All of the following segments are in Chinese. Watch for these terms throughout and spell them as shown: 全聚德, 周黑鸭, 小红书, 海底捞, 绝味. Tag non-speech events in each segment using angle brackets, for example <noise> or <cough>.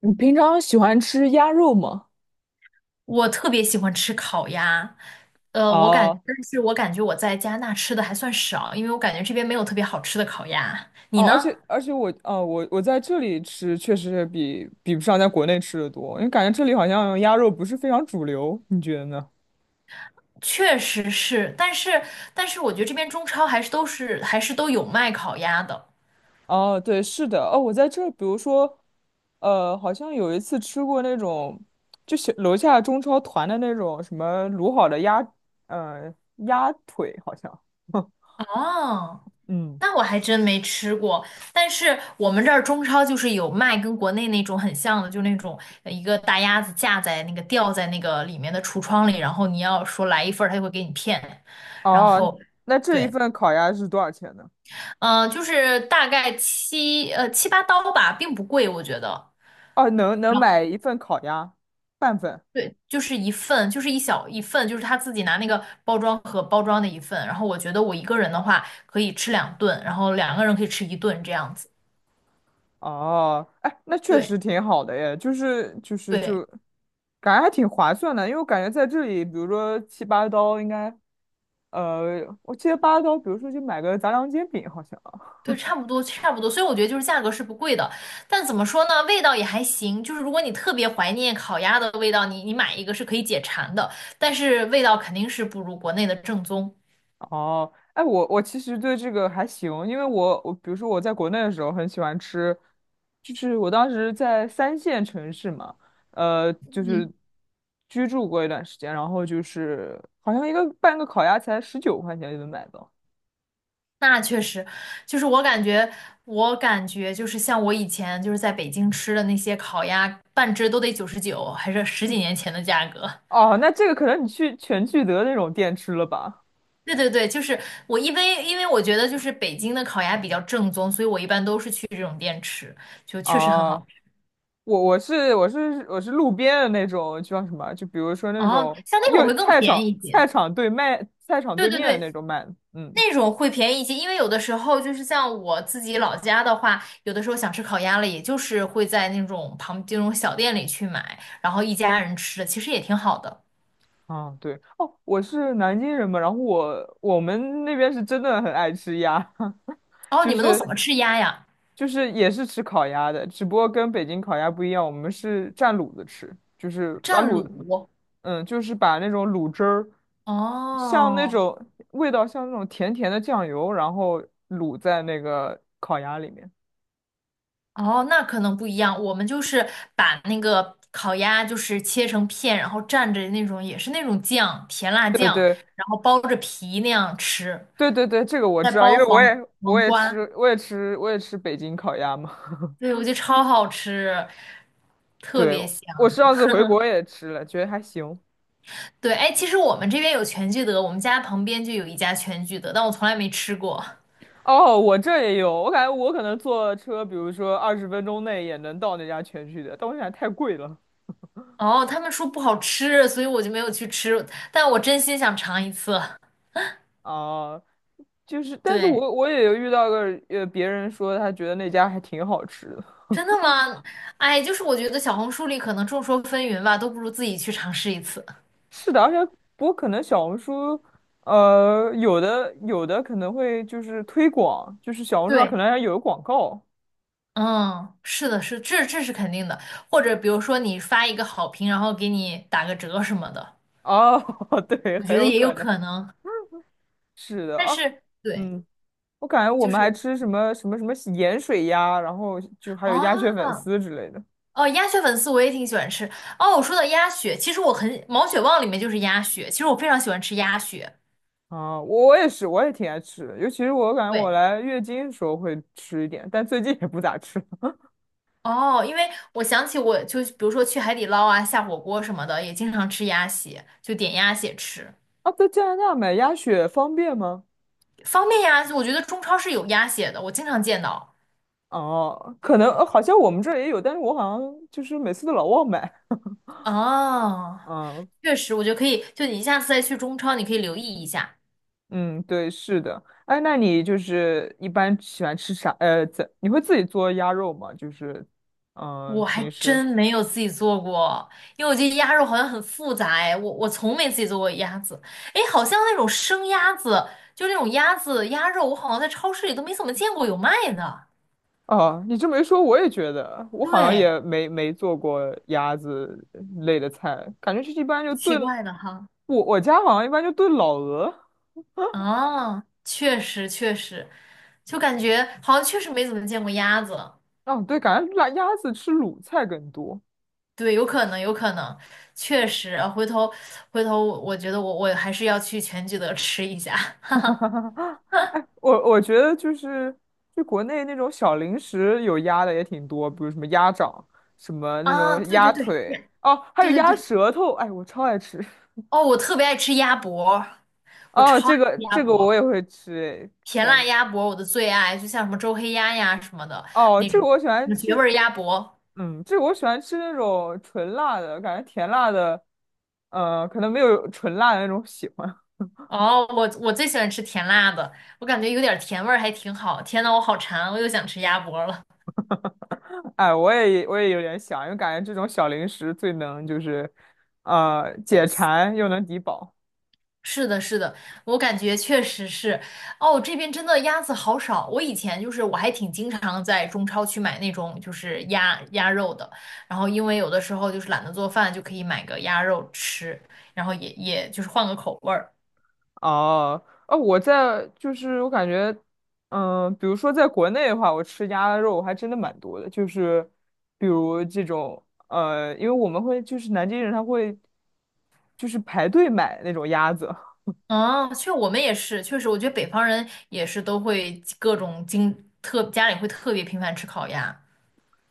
你平常喜欢吃鸭肉吗？我特别喜欢吃烤鸭，哦但是我感觉我在加拿大吃的还算少，因为我感觉这边没有特别好吃的烤鸭。你哦，而呢？且而且我哦，我我在这里吃确实是比不上在国内吃的多，因为感觉这里好像鸭肉不是非常主流，你觉得呢？确实是，但是我觉得这边中超还是都有卖烤鸭的。哦，对，是的，哦，我在这儿，比如说，好像有一次吃过那种，就是楼下中超团的那种什么卤好的鸭，呃，鸭腿好像，<laughs> 哦，嗯，那我还真没吃过，但是我们这儿中超就是有卖跟国内那种很像的，就那种一个大鸭子架在那个吊在那个里面的橱窗里，然后你要说来一份儿，他就会给你片，然哦，后。那这一对。份烤鸭是多少钱呢？嗯，就是大概7、8刀吧，并不贵，我觉得。哦，能买一份烤鸭，半份。对，就是一份，就是一小一份，就是他自己拿那个包装盒包装的一份。然后我觉得我一个人的话可以吃两顿，然后两个人可以吃一顿这样子。哦，哎，那确对实挺好的耶，就是就是就，对感觉还挺划算的，因为我感觉在这里，比如说7、8刀应该，我记得八刀，比如说就买个杂粮煎饼好像。对，差不多差不多。所以我觉得就是价格是不贵的，但怎么说呢，味道也还行。就是如果你特别怀念烤鸭的味道，你买一个是可以解馋的，但是味道肯定是不如国内的正宗。哦，哎，我其实对这个还行，因为我比如说我在国内的时候很喜欢吃，就是我当时在三线城市嘛，就是居住过一段时间，然后就是好像一个半个烤鸭才19块钱就能买到。那确实，就是我感觉，我感觉就是像我以前就是在北京吃的那些烤鸭，半只都得99，还是十几年前的价格。<laughs> 哦，那这个可能你去全聚德那种店吃了吧？对对对，就是我因为我觉得就是北京的烤鸭比较正宗，所以我一般都是去这种店吃，就确实很啊，好吃。我是路边的那种叫什么？就比如说那哦，种像那种又会更便宜一些。菜场对对对面的那对，种卖的嗯，那种会便宜一些，因为有的时候就是像我自己老家的话，有的时候想吃烤鸭了，也就是会在那种旁这种小店里去买，然后一家人吃的，其实也挺好的。啊对，哦，我是南京人嘛，然后我们那边是真的很爱吃鸭。<laughs> 哦，就你们都是怎么吃鸭呀？就是也是吃烤鸭的，只不过跟北京烤鸭不一样，我们是蘸卤子吃，就是把蘸卤，卤？嗯，就是把那种卤汁儿，像那哦种味道像那种甜甜的酱油，然后卤在那个烤鸭里面。哦，那可能不一样。我们就是把那个烤鸭就是切成片，然后蘸着那种也是那种酱，甜辣对酱，对然后包着皮那样吃，对对对，这个我再知道，因包为我也我黄也瓜。吃我也吃我也吃北京烤鸭嘛。对，<laughs> 我觉得超好吃，特对，别香。我上次回国也吃了，觉得还行。对，哎，其实我们这边有全聚德，我们家旁边就有一家全聚德，但我从来没吃过。哦，我这也有，我感觉我可能坐车，比如说20分钟内也能到那家全聚德，但我想太贵了哦，他们说不好吃，所以我就没有去吃，但我真心想尝一次。啊。就是，但是对，我也有遇到个别人说他觉得那家还挺好吃的。真的吗？哎，就是我觉得小红书里可能众说纷纭吧，都不如自己去尝试一次。是的，而且不过可能小红书，有的可能会就是推广，就是小红书上可对，能还有广告嗯，是的，是，这是肯定的。或者比如说你发一个好评，然后给你打个折什么的，哦，<laughs> 对，我很觉得有也有可能可能。是的但啊，是，对，嗯，我感觉我就们还是。吃什么什么什么盐水鸭，然后就还有鸭血啊，粉丝之类的。哦，鸭血粉丝我也挺喜欢吃。哦，我说到鸭血，其实我很毛血旺里面就是鸭血，其实我非常喜欢吃鸭血。啊，我也是，我也挺爱吃的，尤其是我感觉我对，来月经的时候会吃一点，但最近也不咋吃了。<laughs> 哦，因为我想起我就比如说去海底捞啊下火锅什么的，也经常吃鸭血，就点鸭血吃，啊，在加拿大买鸭血方便吗？方便呀。我觉得中超是有鸭血的，我经常见到。哦，可能，好像我们这儿也有，但是我好像就是每次都老忘买。哦，嗯确实，我觉得可以，就你下次再去中超，你可以留意一下。嗯，对，是的。哎，那你就是一般喜欢吃啥？在你会自己做鸭肉吗？就是，嗯、我还平时。真没有自己做过，因为我觉得鸭肉好像很复杂哎，我从没自己做过鸭子，哎，好像那种生鸭子，就那种鸭子鸭肉，我好像在超市里都没怎么见过有卖的，哦，你这么一说，我也觉得，我好像对，也没做过鸭子类的菜，感觉是一般就奇炖，怪的哈，我家好像一般就炖老鹅，啊，确实确实，就感觉好像确实没怎么见过鸭子，哦，对，感觉辣鸭子吃卤菜更多。对，有可能有可能，确实，回头我觉得我还是要去全聚德吃一下 <laughs> <laughs> 哎，我觉得就是就国内那种小零食有鸭的也挺多，比如什么鸭掌，什么那啊，种对鸭对对，腿，哦，还有对对鸭对。舌头，哎，我超爱吃。<laughs> 哦，我特别爱吃鸭脖，我哦，超爱这个吃鸭这个我也脖，会吃，甜感辣觉鸭脖我的最爱，就像什么周黑鸭呀什么的哦，那这个种，我喜什欢么绝吃，味儿鸭脖。嗯，这个我喜欢吃那种纯辣的，感觉甜辣的，可能没有纯辣的那种喜欢。哦，我最喜欢吃甜辣的，我感觉有点甜味儿还挺好。天呐，我好馋，我又想吃鸭脖了。哎，我也有点想，因为感觉这种小零食最能就是，解 Yes。馋又能抵饱。是的，是的，我感觉确实是，哦，这边真的鸭子好少。我以前就是我还挺经常在中超去买那种就是鸭肉的，然后因为有的时候就是懒得做饭，就可以买个鸭肉吃，然后也就是换个口味儿。哦，哦，就是我感觉，嗯、比如说在国内的话，我吃鸭肉还真的蛮多的，就是比如这种，因为我们会就是南京人他会就是排队买那种鸭子。嗯，我们也是，确实，我觉得北方人也是都会各种经特家里会特别频繁吃烤鸭，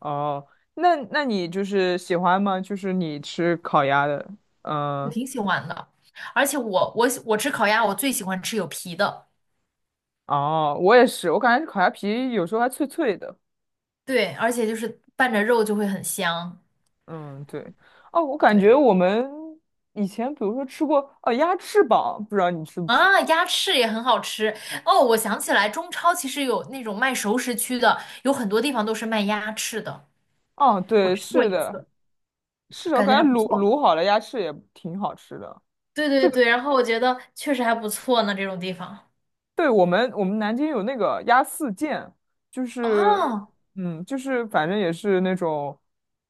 哦，那你就是喜欢吗？就是你吃烤鸭的，我嗯、挺喜欢的。而且我吃烤鸭，我最喜欢吃有皮的，哦，我也是，我感觉烤鸭皮有时候还脆脆的。对，而且就是拌着肉就会很香。嗯，对。哦，我感觉对。我们以前比如说吃过哦鸭翅膀，不知道你吃不吃？啊，鸭翅也很好吃哦！我想起来，中超其实有那种卖熟食区的，有很多地方都是卖鸭翅的。哦，我对，吃过是一的，次，是的，我感觉感还觉不卤错。卤好了鸭翅也挺好吃的。对这对个对，然后我觉得确实还不错呢，这种地方。对我们南京有那个鸭四件，就是哦就是反正也是那种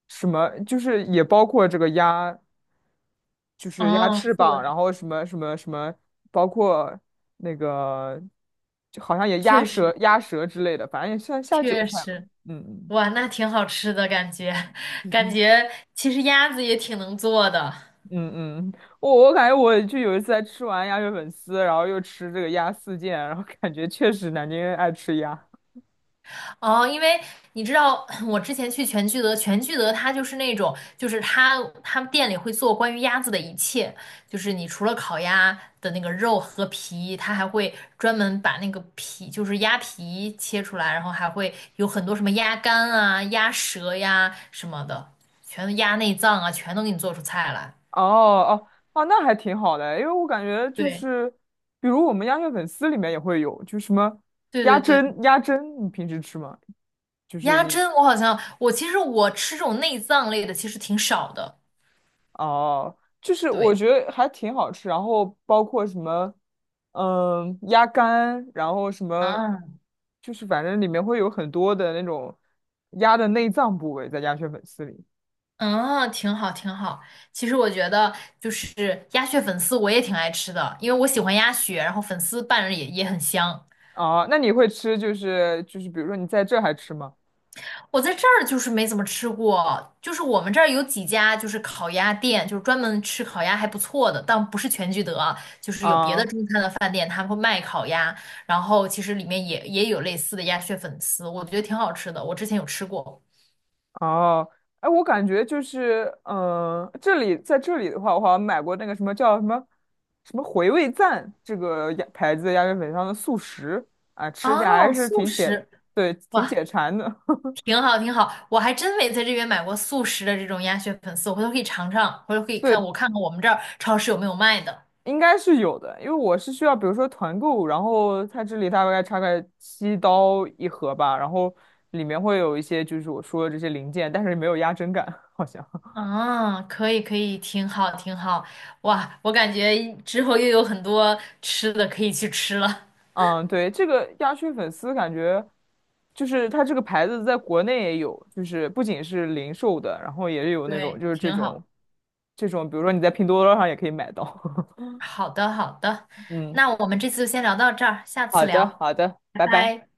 什么，就是也包括这个鸭就是鸭哦，翅是膀，的，然后什么什么什么，包括那个，就好像也鸭确舌、实鸭舌之类的，反正也算下酒确菜了。实，嗯嗯哇，那挺好吃的感觉，<laughs> 感嗯觉其实鸭子也挺能做的。嗯，嗯，我感觉我就有一次在吃完鸭血粉丝，然后又吃这个鸭四件，然后感觉确实南京人爱吃鸭。哦，因为你知道，<clears throat> 我之前去全聚德，全聚德它就是那种，就是他们店里会做关于鸭子的一切，就是你除了烤鸭的那个肉和皮，它还会专门把那个皮，就是鸭皮切出来，然后还会有很多什么鸭肝啊、鸭舌呀什么的，全都鸭内脏啊，全都给你做出菜来。哦哦哦，那还挺好的，因为我感觉就对是，比如我们鸭血粉丝里面也会有，就什么对鸭对对，胗，鸭胗你平时吃吗？就是鸭你。胗我好像我其实我吃这种内脏类的其实挺少的。哦，就是我对觉得还挺好吃，然后包括什么，嗯，鸭肝，然后什么，啊，就是反正里面会有很多的那种鸭的内脏部位在鸭血粉丝里。嗯，挺好，挺好。其实我觉得，就是鸭血粉丝我也挺爱吃的，因为我喜欢鸭血，然后粉丝拌着也很香。哦，那你会吃就是比如说你在这还吃吗？我在这儿就是没怎么吃过，就是我们这儿有几家就是烤鸭店，就是专门吃烤鸭还不错的，但不是全聚德啊就是有别的啊、中餐的饭店，他们会卖烤鸭，然后其实里面也有类似的鸭血粉丝，我觉得挺好吃的，我之前有吃过。哦，哎，我感觉就是，嗯、在这里的话，我好像买过那个什么叫什么什么回味赞这个鸭牌子的鸭血粉汤的速食啊，吃起来还哦，是素挺解，食。对，挺哇，解馋的。<laughs> 挺好，挺好，我还真没在这边买过速食的这种鸭血粉丝，我回头可以尝尝，回头可以看对，看看我们这儿超市有没有卖的。应该是有的，因为我是需要，比如说团购，然后它这里大概差个7刀一盒吧，然后里面会有一些就是我说的这些零件，但是没有压针感，好像。啊，可以可以，挺好挺好，哇，我感觉之后又有很多吃的可以去吃了，嗯，对，这个鸭血粉丝感觉就是它这个牌子在国内也有，就是不仅是零售的，然后也有那种对，就是这挺种好。这种，比如说你在拼多多上也可以买到。<laughs> 好的好的，嗯，那我们这次就先聊到这儿，下次好的，聊，好的，拜拜拜。拜。